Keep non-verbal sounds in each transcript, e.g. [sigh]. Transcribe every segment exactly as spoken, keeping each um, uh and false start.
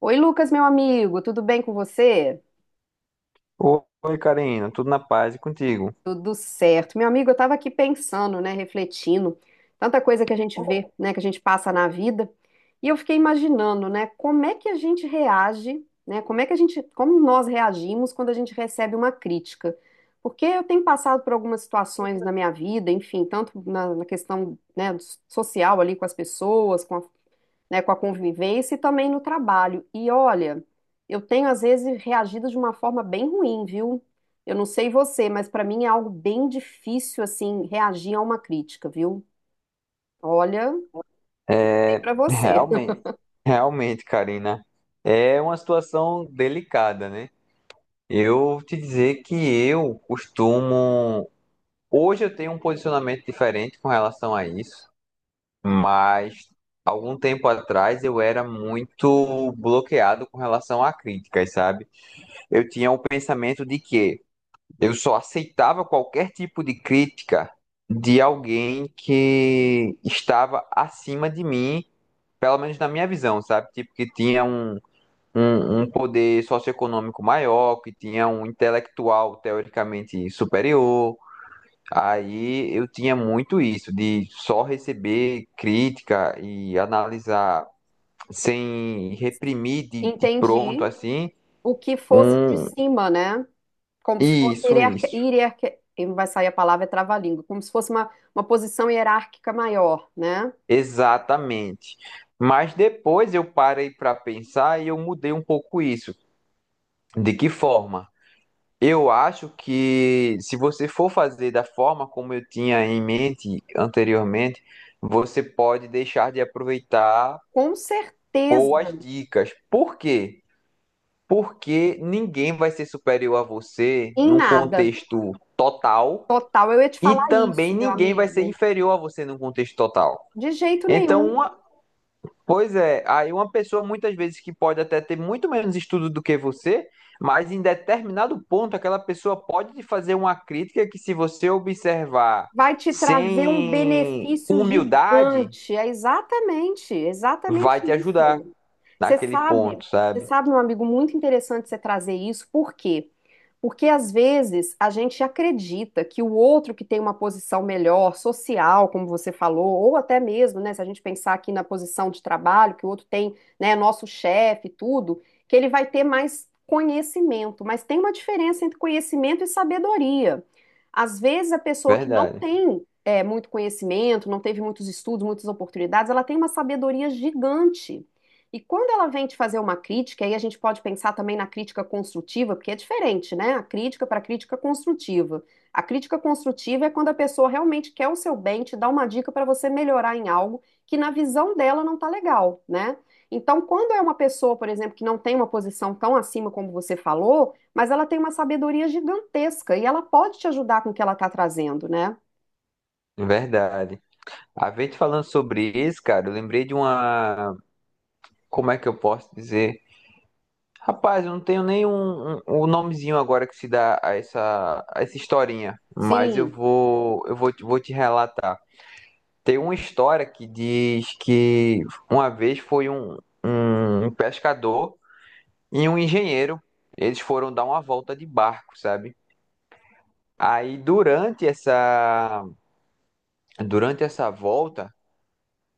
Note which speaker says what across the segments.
Speaker 1: Oi, Lucas, meu amigo, tudo bem com você?
Speaker 2: Oi, Karina, tudo na paz e contigo?
Speaker 1: Tudo certo. Meu amigo, eu estava aqui pensando, né, refletindo, tanta coisa que a gente vê, né, que a gente passa na vida, e eu fiquei imaginando, né, como é que a gente reage, né, como é que a gente, como nós reagimos quando a gente recebe uma crítica. Porque eu tenho passado por algumas situações na minha vida, enfim, tanto na, na questão, né, social ali com as pessoas, com a né, com a convivência e também no trabalho. E olha, eu tenho às vezes reagido de uma forma bem ruim, viu? Eu não sei você, mas para mim é algo bem difícil assim reagir a uma crítica, viu? Olha, sei
Speaker 2: É,
Speaker 1: para você.
Speaker 2: realmente,
Speaker 1: [laughs]
Speaker 2: realmente, Karina, é uma situação delicada, né? Eu te dizer que eu costumo. Hoje eu tenho um posicionamento diferente com relação a isso, mas algum tempo atrás eu era muito bloqueado com relação a críticas, sabe? Eu tinha o pensamento de que eu só aceitava qualquer tipo de crítica de alguém que estava acima de mim, pelo menos na minha visão, sabe? Tipo, que tinha um, um, um poder socioeconômico maior, que tinha um intelectual teoricamente superior. Aí eu tinha muito isso, de só receber crítica e analisar sem reprimir de, de
Speaker 1: Entendi
Speaker 2: pronto assim.
Speaker 1: o que fosse de
Speaker 2: Um,
Speaker 1: cima, né? Como se fosse
Speaker 2: isso,
Speaker 1: hierarquia,
Speaker 2: isso.
Speaker 1: hierarquia, e não vai sair a palavra é trava-língua, como se fosse uma, uma posição hierárquica maior, né?
Speaker 2: Exatamente. Mas depois eu parei para pensar e eu mudei um pouco isso. De que forma? Eu acho que se você for fazer da forma como eu tinha em mente anteriormente, você pode deixar de aproveitar
Speaker 1: Com certeza,
Speaker 2: boas dicas. Por quê? Porque ninguém vai ser superior a você
Speaker 1: em
Speaker 2: num
Speaker 1: nada,
Speaker 2: contexto total,
Speaker 1: total. Eu ia te
Speaker 2: e
Speaker 1: falar
Speaker 2: também
Speaker 1: isso, meu
Speaker 2: ninguém vai ser
Speaker 1: amigo.
Speaker 2: inferior a você num contexto total.
Speaker 1: De jeito
Speaker 2: Então,
Speaker 1: nenhum.
Speaker 2: uma- pois é, aí uma pessoa muitas vezes que pode até ter muito menos estudo do que você, mas em determinado ponto aquela pessoa pode te fazer uma crítica que, se você observar
Speaker 1: Vai te trazer um
Speaker 2: sem
Speaker 1: benefício
Speaker 2: humildade,
Speaker 1: gigante. É exatamente, exatamente
Speaker 2: vai te ajudar
Speaker 1: isso. Você
Speaker 2: naquele
Speaker 1: sabe,
Speaker 2: ponto,
Speaker 1: você
Speaker 2: sabe?
Speaker 1: sabe, meu amigo, muito interessante você trazer isso, porque porque às vezes a gente acredita que o outro que tem uma posição melhor, social, como você falou, ou até mesmo, né, se a gente pensar aqui na posição de trabalho, que o outro tem, né, nosso chefe e tudo, que ele vai ter mais conhecimento. Mas tem uma diferença entre conhecimento e sabedoria. Às vezes a pessoa que não
Speaker 2: Verdade,
Speaker 1: tem é, muito conhecimento, não teve muitos estudos, muitas oportunidades, ela tem uma sabedoria gigante. E quando ela vem te fazer uma crítica, aí a gente pode pensar também na crítica construtiva, porque é diferente, né? A crítica para a crítica construtiva. A crítica construtiva é quando a pessoa realmente quer o seu bem, te dá uma dica para você melhorar em algo que na visão dela não tá legal, né? Então, quando é uma pessoa, por exemplo, que não tem uma posição tão acima como você falou, mas ela tem uma sabedoria gigantesca e ela pode te ajudar com o que ela tá trazendo, né?
Speaker 2: verdade. A gente falando sobre isso, cara, eu lembrei de uma, como é que eu posso dizer? Rapaz, eu não tenho nem um, um o nomezinho agora que se dá a essa, a essa historinha, mas eu
Speaker 1: Sim.
Speaker 2: vou, eu vou, te- vou te relatar. Tem uma história que diz que uma vez foi um, um pescador e um engenheiro, eles foram dar uma volta de barco, sabe? Aí durante essa, durante essa volta,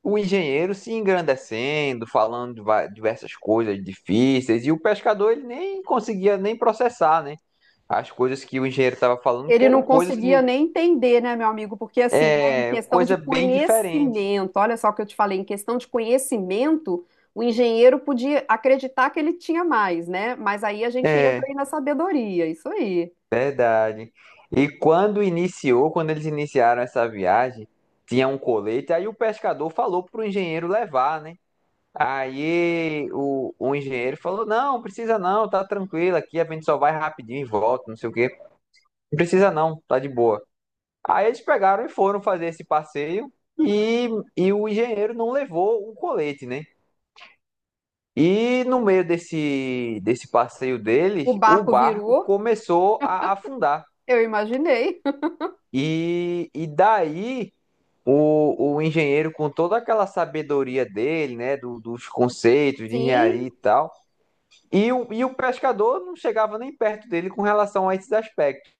Speaker 2: o engenheiro se engrandecendo, falando de va- diversas coisas difíceis, e o pescador ele nem conseguia nem processar, né? As coisas que o engenheiro estava falando, que
Speaker 1: Ele não
Speaker 2: eram coisas
Speaker 1: conseguia
Speaker 2: de
Speaker 1: nem entender, né, meu amigo? Porque, assim, né, em
Speaker 2: é,
Speaker 1: questão de
Speaker 2: coisa bem diferente.
Speaker 1: conhecimento, olha só o que eu te falei, em questão de conhecimento, o engenheiro podia acreditar que ele tinha mais, né? Mas aí a gente entra
Speaker 2: É,
Speaker 1: aí na sabedoria, isso aí.
Speaker 2: verdade. E quando iniciou, quando eles iniciaram essa viagem, tinha um colete, aí o pescador falou pro engenheiro levar, né? Aí o, o engenheiro falou: "Não, precisa não, tá tranquilo aqui, a gente só vai rapidinho e volta, não sei o quê. Não precisa não, tá de boa." Aí eles pegaram e foram fazer esse passeio e, e o engenheiro não levou o colete, né? E no meio desse, desse passeio deles,
Speaker 1: O
Speaker 2: o
Speaker 1: barco
Speaker 2: barco
Speaker 1: virou,
Speaker 2: começou a afundar.
Speaker 1: eu imaginei.
Speaker 2: E, e daí o, o engenheiro, com toda aquela sabedoria dele, né, do- dos
Speaker 1: [laughs]
Speaker 2: conceitos de engenharia e
Speaker 1: Sim,
Speaker 2: tal, e o, e o pescador não chegava nem perto dele com relação a esses aspectos.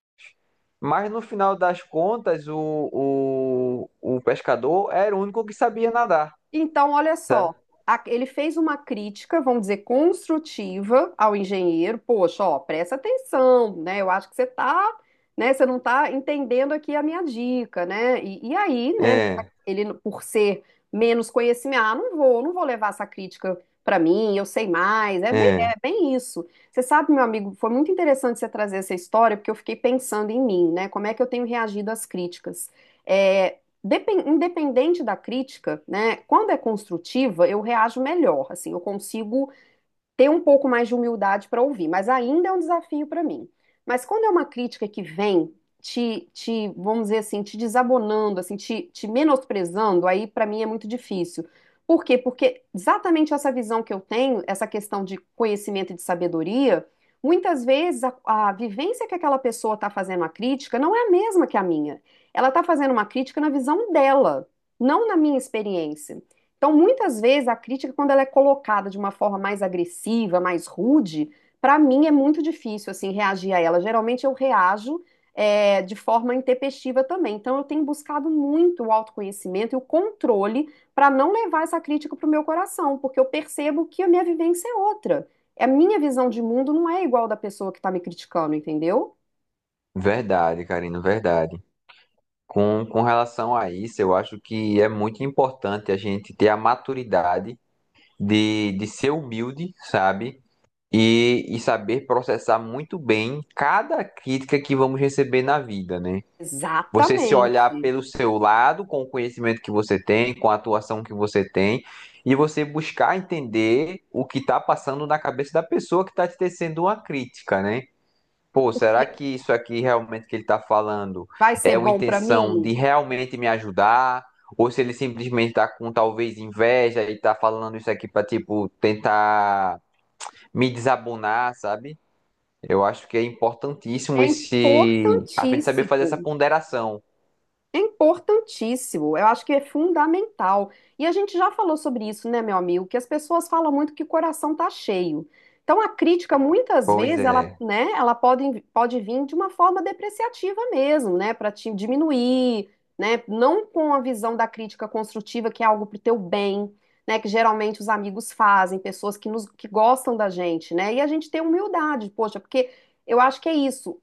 Speaker 2: Mas no final das contas, o, o, o pescador era o único que sabia nadar,
Speaker 1: então, olha
Speaker 2: sabe?
Speaker 1: só, a- ele fez uma crítica, vamos dizer, construtiva ao engenheiro. Poxa, ó, presta atenção, né? Eu acho que você tá, né? Você não tá entendendo aqui a minha dica, né? E, e aí, né?
Speaker 2: É,
Speaker 1: Ele, por ser menos conhecimento, ah, não vou, não vou levar essa crítica para mim, eu sei mais. É bem, é
Speaker 2: é,
Speaker 1: bem isso. Você sabe, meu amigo, foi muito interessante você trazer essa história, porque eu fiquei pensando em mim, né? Como é que eu tenho reagido às críticas? É, depen- independente da crítica, né, quando é construtiva, eu reajo melhor, assim, eu consigo ter um pouco mais de humildade para ouvir, mas ainda é um desafio para mim. Mas quando é uma crítica que vem te, te, vamos dizer assim, te, desabonando, assim, te, te menosprezando, aí para mim é muito difícil. Por quê? Porque exatamente essa visão que eu tenho, essa questão de conhecimento e de sabedoria, muitas vezes a, a vivência que aquela pessoa está fazendo a crítica não é a mesma que a minha. Ela está fazendo uma crítica na visão dela, não na minha experiência. Então, muitas vezes a crítica, quando ela é colocada de uma forma mais agressiva, mais rude, para mim é muito difícil assim reagir a ela. Geralmente eu reajo é, de forma intempestiva também. Então, eu tenho buscado muito o autoconhecimento e o controle para não levar essa crítica para o meu coração, porque eu percebo que a minha vivência é outra. A minha visão de mundo não é igual da pessoa que está me criticando, entendeu?
Speaker 2: verdade, Karina, verdade. Com, com relação a isso, eu acho que é muito importante a gente ter a maturidade de, de ser humilde, sabe? E, e saber processar muito bem cada crítica que vamos receber na vida, né? Você se olhar
Speaker 1: Exatamente.
Speaker 2: pelo seu lado, com o conhecimento que você tem, com a atuação que você tem, e você buscar entender o que está passando na cabeça da pessoa que está te tecendo uma crítica, né? Pô, será
Speaker 1: Porque
Speaker 2: que isso aqui realmente que ele está falando
Speaker 1: vai
Speaker 2: é
Speaker 1: ser
Speaker 2: uma
Speaker 1: bom para
Speaker 2: intenção de
Speaker 1: mim?
Speaker 2: realmente me ajudar? Ou se ele simplesmente está com talvez inveja e está falando isso aqui para tipo, tentar me desabonar, sabe? Eu acho que é importantíssimo
Speaker 1: É
Speaker 2: esse. A gente saber fazer essa
Speaker 1: importantíssimo.
Speaker 2: ponderação.
Speaker 1: É importantíssimo, eu acho que é fundamental. E a gente já falou sobre isso, né, meu amigo? Que as pessoas falam muito que o coração tá cheio. Então a crítica muitas
Speaker 2: Pois
Speaker 1: vezes ela,
Speaker 2: é,
Speaker 1: né, ela pode, pode vir de uma forma depreciativa mesmo, né, para te diminuir, né, não com a visão da crítica construtiva que é algo pro teu bem, né, que geralmente os amigos fazem, pessoas que nos que gostam da gente, né? E a gente tem humildade, poxa, porque eu acho que é isso.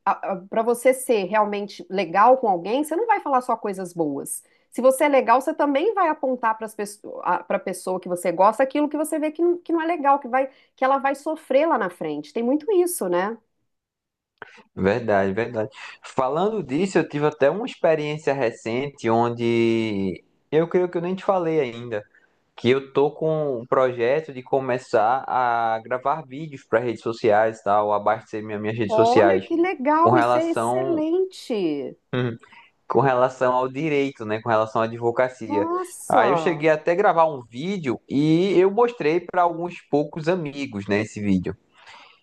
Speaker 1: Para você ser realmente legal com alguém, você não vai falar só coisas boas. Se você é legal, você também vai apontar para a pessoa que você gosta aquilo que você vê que não, que não é legal, que vai, que ela vai sofrer lá na frente. Tem muito isso, né?
Speaker 2: verdade, verdade. Falando disso, eu tive até uma experiência recente onde eu creio que eu nem te falei ainda, que eu tô com um projeto de começar a gravar vídeos para redes sociais, e tal, abastecer minha, minhas redes
Speaker 1: Olha
Speaker 2: sociais
Speaker 1: que
Speaker 2: com
Speaker 1: legal, isso é
Speaker 2: relação
Speaker 1: excelente.
Speaker 2: com relação ao direito, né, com relação à advocacia. Aí eu cheguei
Speaker 1: Nossa!
Speaker 2: até a gravar um vídeo e eu mostrei para alguns poucos amigos, né, esse vídeo.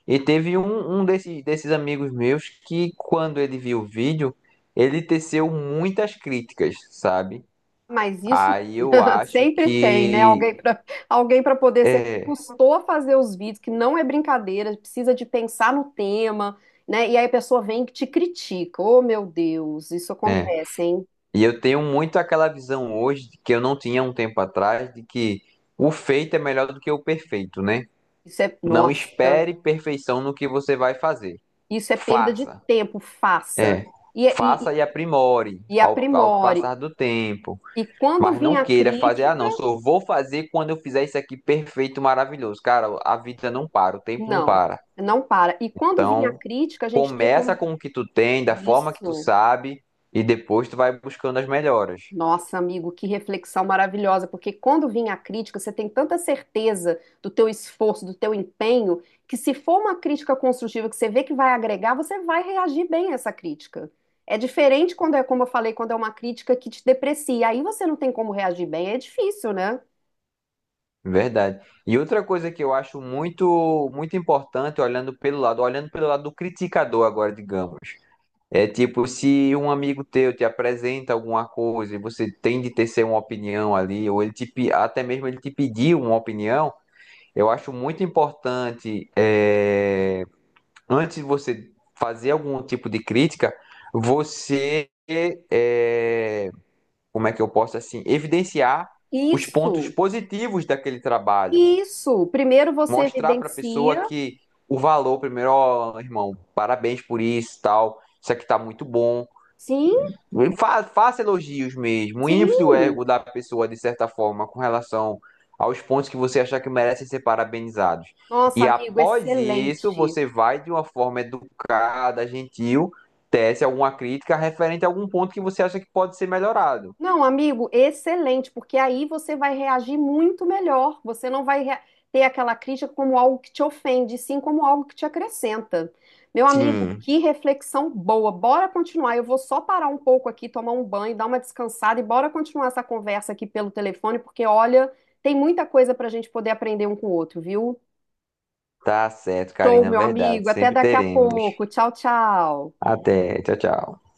Speaker 2: E teve um, um desses, desses amigos meus que, quando ele viu o vídeo, ele teceu muitas críticas, sabe?
Speaker 1: Mas isso
Speaker 2: Aí eu
Speaker 1: [laughs]
Speaker 2: acho
Speaker 1: sempre tem, né?
Speaker 2: que.
Speaker 1: Alguém para alguém para poder ser
Speaker 2: É,
Speaker 1: custou a fazer os vídeos, que não é brincadeira, precisa de pensar no tema, né? E aí a pessoa vem e te critica. Oh, meu Deus, isso
Speaker 2: é.
Speaker 1: acontece, hein?
Speaker 2: E eu tenho muito aquela visão hoje, de que eu não tinha um tempo atrás, de que o feito é melhor do que o perfeito, né?
Speaker 1: Isso é,
Speaker 2: Não
Speaker 1: nossa,
Speaker 2: espere perfeição no que você vai fazer.
Speaker 1: isso é perda de
Speaker 2: Faça.
Speaker 1: tempo, faça.
Speaker 2: É.
Speaker 1: E,
Speaker 2: Faça
Speaker 1: e,
Speaker 2: e aprimore
Speaker 1: e
Speaker 2: ao, ao
Speaker 1: aprimore.
Speaker 2: passar do tempo.
Speaker 1: E quando
Speaker 2: Mas não
Speaker 1: vinha a
Speaker 2: queira fazer, ah,
Speaker 1: crítica,
Speaker 2: não, só vou fazer quando eu fizer isso aqui perfeito, maravilhoso. Cara, a vida não para, o tempo não
Speaker 1: não,
Speaker 2: para.
Speaker 1: não para. E quando vinha a
Speaker 2: Então,
Speaker 1: crítica, a gente ter
Speaker 2: começa
Speaker 1: como
Speaker 2: com o que tu tem, da forma que tu
Speaker 1: isso.
Speaker 2: sabe, e depois tu vai buscando as melhoras.
Speaker 1: Nossa, amigo, que reflexão maravilhosa, porque quando vem a crítica, você tem tanta certeza do teu esforço, do teu empenho, que se for uma crítica construtiva que você vê que vai agregar, você vai reagir bem a essa crítica. É diferente quando é, como eu falei, quando é uma crítica que te deprecia, aí você não tem como reagir bem, é difícil, né?
Speaker 2: Verdade. E outra coisa que eu acho muito muito importante, olhando pelo lado, olhando pelo lado do criticador agora, digamos, é tipo se um amigo teu te apresenta alguma coisa e você tem de tecer uma opinião ali, ou ele te, pe- até mesmo ele te pediu uma opinião, eu acho muito importante é, antes de você fazer algum tipo de crítica, você é, como é que eu posso assim evidenciar os pontos
Speaker 1: Isso,
Speaker 2: positivos daquele trabalho,
Speaker 1: isso. Primeiro você
Speaker 2: mostrar para a pessoa
Speaker 1: evidencia,
Speaker 2: que o valor primeiro, ó, irmão, parabéns por isso, e tal, isso aqui tá muito bom.
Speaker 1: sim,
Speaker 2: Fa- faça elogios mesmo, infle o ego
Speaker 1: sim.
Speaker 2: da pessoa de certa forma com relação aos pontos que você achar que merecem ser parabenizados.
Speaker 1: Nossa,
Speaker 2: E
Speaker 1: amigo,
Speaker 2: após isso,
Speaker 1: excelente.
Speaker 2: você vai de uma forma educada, gentil, tece alguma crítica referente a algum ponto que você acha que pode ser melhorado.
Speaker 1: Não, amigo, excelente, porque aí você vai reagir muito melhor. Você não vai rea- ter aquela crítica como algo que te ofende, sim como algo que te acrescenta. Meu amigo,
Speaker 2: Sim,
Speaker 1: que reflexão boa. Bora continuar. Eu vou só parar um pouco aqui, tomar um banho, dar uma descansada e bora continuar essa conversa aqui pelo telefone, porque olha, tem muita coisa para a gente poder aprender um com o outro, viu?
Speaker 2: tá certo,
Speaker 1: Tá Show,
Speaker 2: Karina,
Speaker 1: meu amigo.
Speaker 2: verdade.
Speaker 1: Até
Speaker 2: Sempre
Speaker 1: daqui a
Speaker 2: teremos.
Speaker 1: pouco. Tchau, tchau.
Speaker 2: Até, tchau, tchau.